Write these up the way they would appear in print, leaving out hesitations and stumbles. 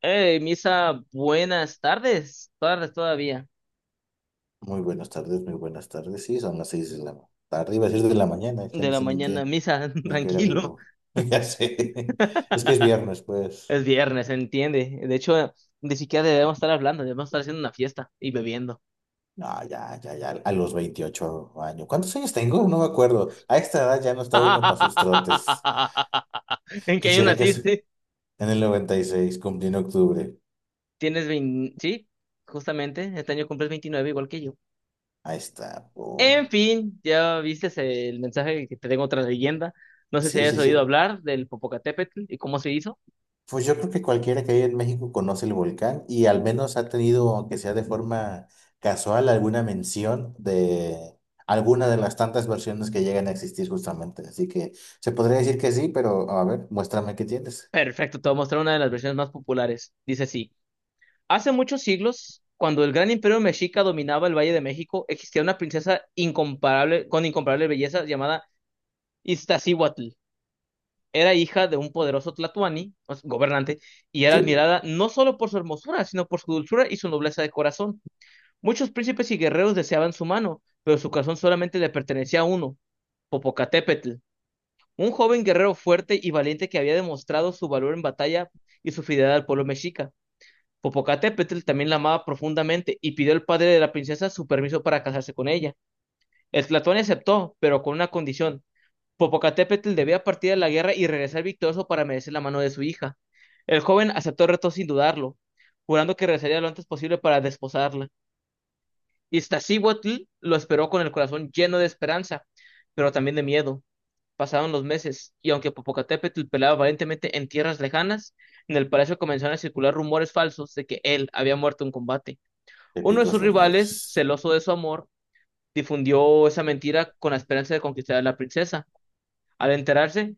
Hey, Misa, buenas tardes, tardes todavía, Muy buenas tardes, muy buenas tardes. Sí, son las seis de la tarde, iba a decir de la mañana, ya de no la sé ni mañana, qué, Misa, ni a qué hora tranquilo. vivo. Ya sé, es que es viernes, pues. Es viernes, entiende. De hecho, ni siquiera debemos estar hablando, debemos estar haciendo una fiesta y bebiendo. No, ya, ya, ya, a los 28 años. ¿Cuántos años tengo? No me acuerdo. A esta edad ya no está uno para sus trotes. ¿En qué año Quisiera que es naciste? en el 96 cumplí en octubre. Tienes 20, sí, justamente, este año cumples 29 igual que yo. Ahí está. Pum. En fin, ya viste el mensaje que te tengo otra leyenda. No sé si Sí, hayas sí, oído sí. hablar del Popocatépetl y cómo se hizo. Pues yo creo que cualquiera que haya en México conoce el volcán y al menos ha tenido, aunque sea de forma casual, alguna mención de alguna de las tantas versiones que llegan a existir justamente. Así que se podría decir que sí, pero a ver, muéstrame qué tienes. Perfecto, te voy a mostrar una de las versiones más populares. Dice así. Hace muchos siglos, cuando el gran imperio mexica dominaba el Valle de México, existía una princesa incomparable, con incomparable belleza llamada Iztaccíhuatl. Era hija de un poderoso tlatoani, o sea, gobernante, y era Sí, admirada no solo por su hermosura, sino por su dulzura y su nobleza de corazón. Muchos príncipes y guerreros deseaban su mano, pero su corazón solamente le pertenecía a uno, Popocatépetl, un joven guerrero fuerte y valiente que había demostrado su valor en batalla y su fidelidad al pueblo mexica. Popocatépetl también la amaba profundamente y pidió al padre de la princesa su permiso para casarse con ella. El Tlatoani aceptó, pero con una condición. Popocatépetl debía partir a la guerra y regresar victorioso para merecer la mano de su hija. El joven aceptó el reto sin dudarlo, jurando que regresaría lo antes posible para desposarla. Iztaccíhuatl lo esperó con el corazón lleno de esperanza, pero también de miedo. Pasaron los meses, y aunque Popocatépetl peleaba valientemente en tierras lejanas, en el palacio comenzaron a circular rumores falsos de que él había muerto en combate. Uno de épicos sus rivales, rumores. celoso de su amor, difundió esa mentira con la esperanza de conquistar a la princesa. Al enterarse,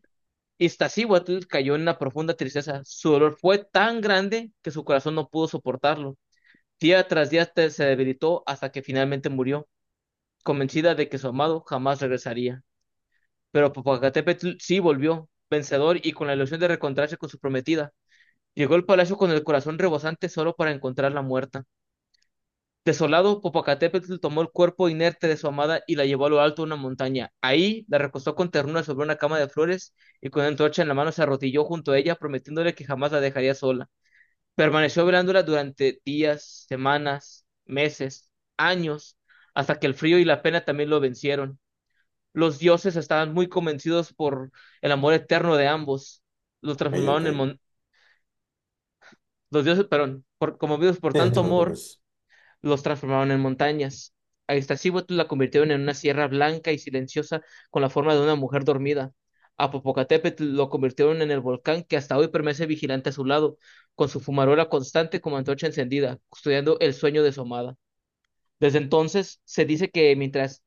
Iztaccíhuatl cayó en una profunda tristeza. Su dolor fue tan grande que su corazón no pudo soportarlo. Día tras día se debilitó hasta que finalmente murió, convencida de que su amado jamás regresaría. Pero Popocatépetl sí volvió, vencedor y con la ilusión de reencontrarse con su prometida. Llegó al palacio con el corazón rebosante solo para encontrarla muerta. Desolado, Popocatépetl tomó el cuerpo inerte de su amada y la llevó a lo alto de una montaña. Ahí la recostó con ternura sobre una cama de flores y con una antorcha en la mano se arrodilló junto a ella, prometiéndole que jamás la dejaría sola. Permaneció velándola durante días, semanas, meses, años, hasta que el frío y la pena también lo vencieron. Los dioses estaban muy convencidos por el amor eterno de ambos. Los Ok, ok. transformaron en Sí, mon- los dioses, perdón, conmovidos por no te tanto amor preocupes. los transformaron en montañas. A Iztaccíhuatl la convirtieron en una sierra blanca y silenciosa con la forma de una mujer dormida. A Popocatépetl lo convirtieron en el volcán que hasta hoy permanece vigilante a su lado, con su fumarola constante como antorcha encendida, custodiando el sueño de su amada. Desde entonces, se dice que mientras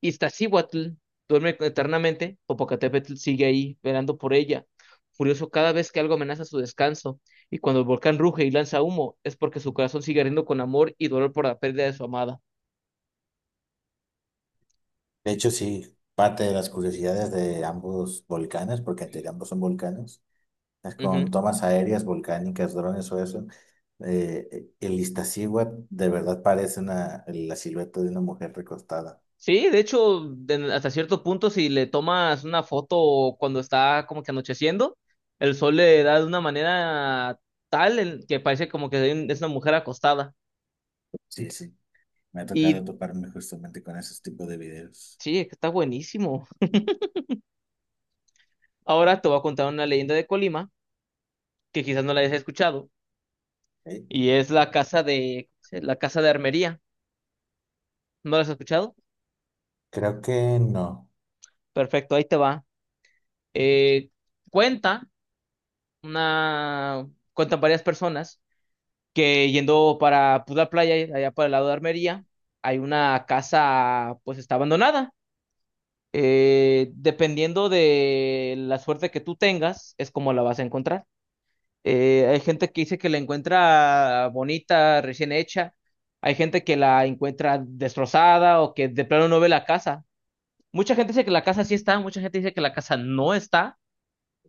Iztaccíhuatl duerme eternamente, Popocatépetl sigue ahí, velando por ella, furioso cada vez que algo amenaza su descanso, y cuando el volcán ruge y lanza humo, es porque su corazón sigue ardiendo con amor y dolor por la pérdida de su amada. De hecho, sí, parte de las curiosidades de ambos volcanes, porque entre ambos son volcanes con Ujú. tomas aéreas, volcánicas, drones o eso. El Iztaccíhuatl de verdad parece la silueta de una mujer recostada. Sí, de hecho, hasta cierto punto, si le tomas una foto cuando está como que anocheciendo, el sol le da de una manera tal en que parece como que es una mujer acostada. Sí, sí, me ha Y tocado toparme justamente con esos tipos de videos. sí, está buenísimo. Ahora te voy a contar una leyenda de Colima que quizás no la hayas escuchado. ¿Ok? Y es la la casa de armería. ¿No la has escuchado? Creo que no. Perfecto, ahí te va. Eh, cuenta una, Cuentan varias personas que yendo para pues, playa, allá para el lado de armería, hay una casa, pues está abandonada. Dependiendo de la suerte que tú tengas, es como la vas a encontrar. Hay gente que dice que la encuentra bonita, recién hecha. Hay gente que la encuentra destrozada o que de plano no ve la casa. Mucha gente dice que la casa sí está, mucha gente dice que la casa no está.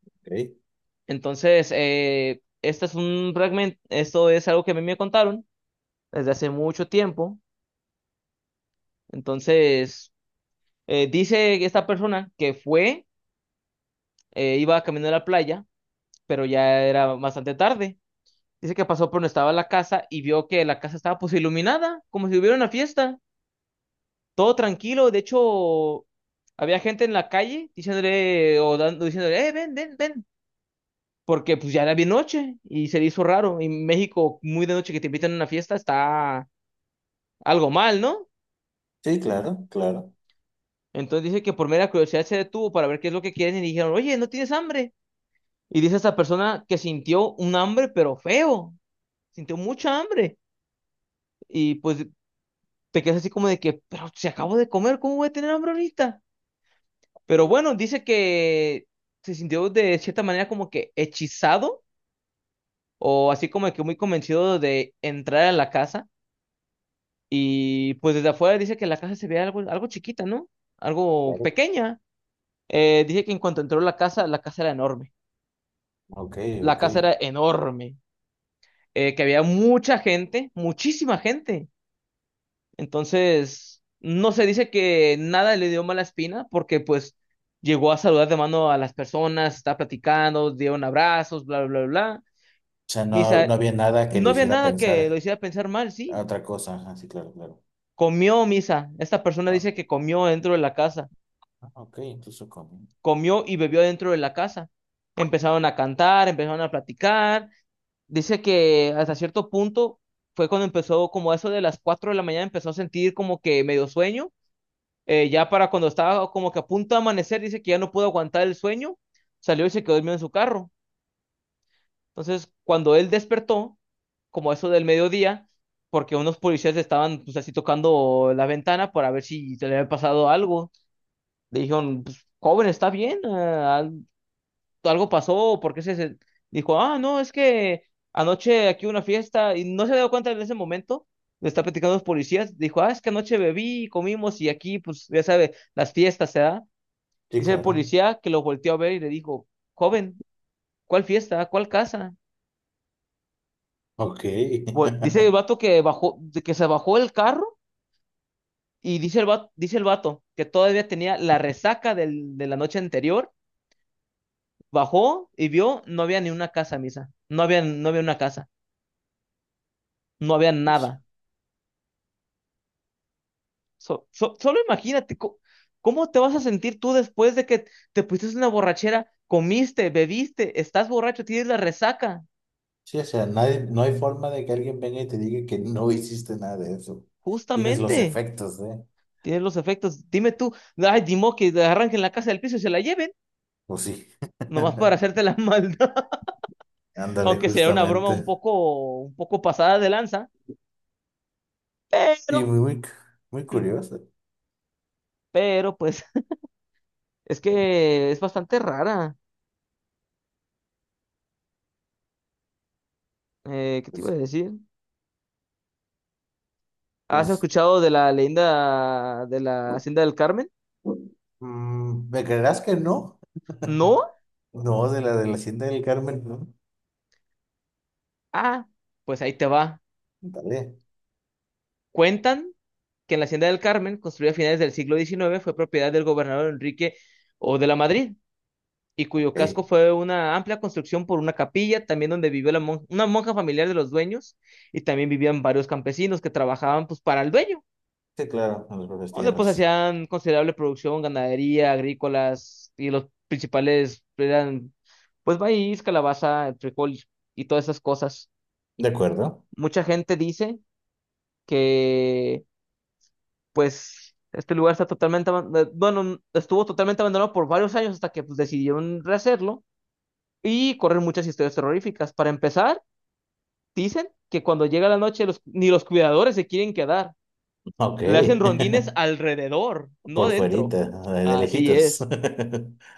¿Ok? Entonces, este es un fragmento, esto es algo que a mí me contaron desde hace mucho tiempo. Entonces, dice esta persona que fue, iba camino a la playa, pero ya era bastante tarde. Dice que pasó por donde estaba la casa y vio que la casa estaba pues iluminada, como si hubiera una fiesta, todo tranquilo. De hecho, había gente en la calle diciéndole o dando, diciéndole, ven, ven, ven, porque pues ya era bien noche y se le hizo raro. En México, muy de noche que te invitan a una fiesta está algo mal, ¿no? Sí, claro, claro. Entonces dice que por mera curiosidad se detuvo para ver qué es lo que quieren y dijeron, oye, ¿no tienes hambre? Y dice esta persona que sintió un hambre, pero feo, sintió mucha hambre. Y pues te quedas así como de que, pero si acabo de comer, ¿cómo voy a tener hambre ahorita? Pero Sí, bueno, dice que se sintió de cierta manera como que hechizado o así como que muy convencido de entrar a la casa. Y pues desde afuera dice que la casa se ve algo, algo chiquita, ¿no? Algo claro. pequeña. Dice que en cuanto entró la casa era enorme. Ok, La ok. casa era O enorme. Que había mucha gente, muchísima gente. Entonces, no se dice que nada le dio mala espina porque pues llegó a saludar de mano a las personas, está platicando, dieron abrazos, bla, bla, bla. sea, no, no Misa, había nada que lo no había hiciera nada que lo pensar hiciera pensar mal, a sí. otra cosa. Ajá, sí, claro, claro. Comió, Misa. Esta persona Ah, dice que comió dentro de la casa, ah, ok, incluso comí. comió y bebió dentro de la casa. Empezaron a cantar, empezaron a platicar. Dice que hasta cierto punto fue cuando empezó, como eso de las 4 de la mañana, empezó a sentir como que medio sueño. Ya para cuando estaba como que a punto de amanecer, dice que ya no pudo aguantar el sueño, salió y se quedó dormido en su carro. Entonces, cuando él despertó, como eso del mediodía, porque unos policías estaban pues así tocando la ventana para ver si se le había pasado algo. Le dijeron, pues, joven, ¿está bien?, ah, ¿algo pasó?, o por qué dijo, ah, no, es que anoche aquí hubo una fiesta, y no se dio cuenta en ese momento. Le está platicando a los policías, dijo, ah, es que anoche bebí y comimos y aquí, pues, ya sabe, las fiestas se da. Sí, Dice el claro. policía que lo volteó a ver y le dijo, joven, ¿cuál fiesta? ¿Cuál casa? Ok. Dice el vato que bajó, de que se bajó el carro, y dice el vato que todavía tenía la resaca de la noche anterior, bajó y vio, no había ni una casa, misa, no había, no había una casa, no había Eso. nada. Solo imagínate cómo te vas a sentir tú después de que te pusiste una borrachera, comiste, bebiste, estás borracho, tienes la resaca, Sí, o sea, nadie, no hay forma de que alguien venga y te diga que no hiciste nada de eso. Tienes los justamente, efectos, ¿eh? tienes los efectos. Dime tú, ay, dimo que la arranquen la casa del piso y se la lleven, Pues sí. nomás para hacerte la maldad, Ándale, aunque sea una broma justamente. Un poco pasada de lanza, Y pero, muy, muy, muy curioso. pero pues es que es bastante rara. ¿Qué te iba a Pues, decir? ¿Has pues escuchado de la leyenda de la Hacienda del Carmen? mm, ¿me creerás que no? No, No, de la Hacienda del Carmen, no. ah, pues ahí te va. Dale. Cuentan que en la Hacienda del Carmen, construida a finales del siglo XIX, fue propiedad del gobernador Enrique O de la Madrid, y cuyo casco Ok. fue una amplia construcción por una capilla, también donde vivió una monja familiar de los dueños, y también vivían varios campesinos que trabajaban pues para el dueño, Sí, claro, en las propias donde pues tierras. hacían considerable producción, ganadería, agrícolas, y los principales eran pues maíz, calabaza, frijol y todas esas cosas. De acuerdo. Mucha gente dice que pues este lugar está totalmente, bueno, estuvo totalmente abandonado por varios años hasta que pues, decidieron rehacerlo y correr muchas historias terroríficas. Para empezar, dicen que cuando llega la noche ni los cuidadores se quieren quedar, Ok. le hacen rondines alrededor, no Por dentro. fuerita, de Así lejitos. es,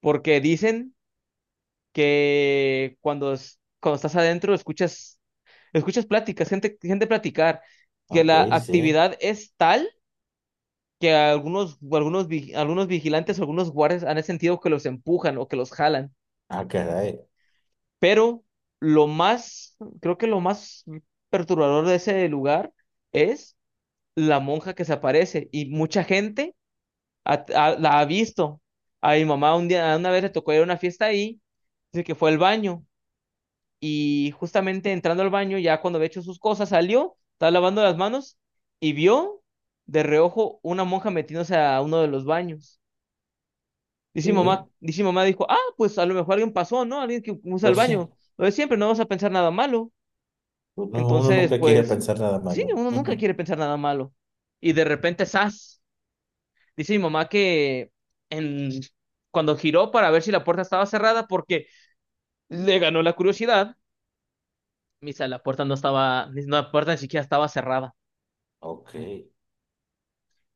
porque dicen que cuando, cuando estás adentro escuchas pláticas, gente platicar, que Ok, la sí. actividad es tal que algunos vigilantes, algunos guardias han sentido que los empujan o que los jalan. Ah, caray. Pero lo más, creo que lo más perturbador de ese lugar es la monja que se aparece, y mucha gente la ha visto. A mi mamá un día, una vez le tocó ir a una fiesta ahí, dice que fue al baño, y justamente entrando al baño, ya cuando había hecho sus cosas, salió, estaba lavando las manos y vio de reojo una monja metiéndose a uno de los baños. Dice mi mamá, Sí. dice mi mamá, dijo, ah, pues a lo mejor alguien pasó, ¿no? Alguien que usa el Pues sí. baño. Lo de siempre, no vamos a pensar nada malo. Uno, uno Entonces, nunca quiere pues, pensar nada sí, malo. uno nunca quiere pensar nada malo. Y de repente, ¡zas! Dice mi mamá que en, cuando giró para ver si la puerta estaba cerrada, porque le ganó la curiosidad, misa, la puerta no estaba, no, la puerta ni siquiera estaba cerrada. Ok,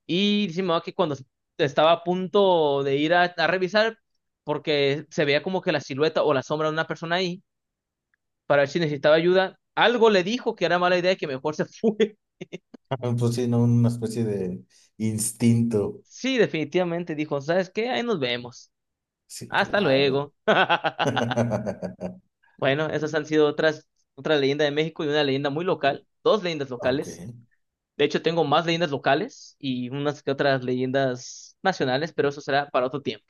Y dice mi mamá que cuando estaba a punto de ir a revisar, porque se veía como que la silueta o la sombra de una persona ahí, para ver si necesitaba ayuda. Algo le dijo que era mala idea y que mejor se fue. pues sí, ¿no? Una especie de instinto. Sí, definitivamente dijo, ¿sabes qué? Ahí nos vemos. Sí, Hasta claro. luego. Bueno, esas han sido otra leyenda de México, y una leyenda muy local, dos leyendas Ok, locales. De hecho, tengo más leyendas locales y unas que otras leyendas nacionales, pero eso será para otro tiempo.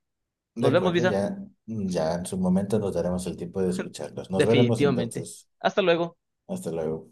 de Nos vemos, acuerdo, Visa. ya, ya en su momento nos daremos el tiempo de escucharlos. Nos veremos Definitivamente. entonces. Hasta luego. Hasta luego.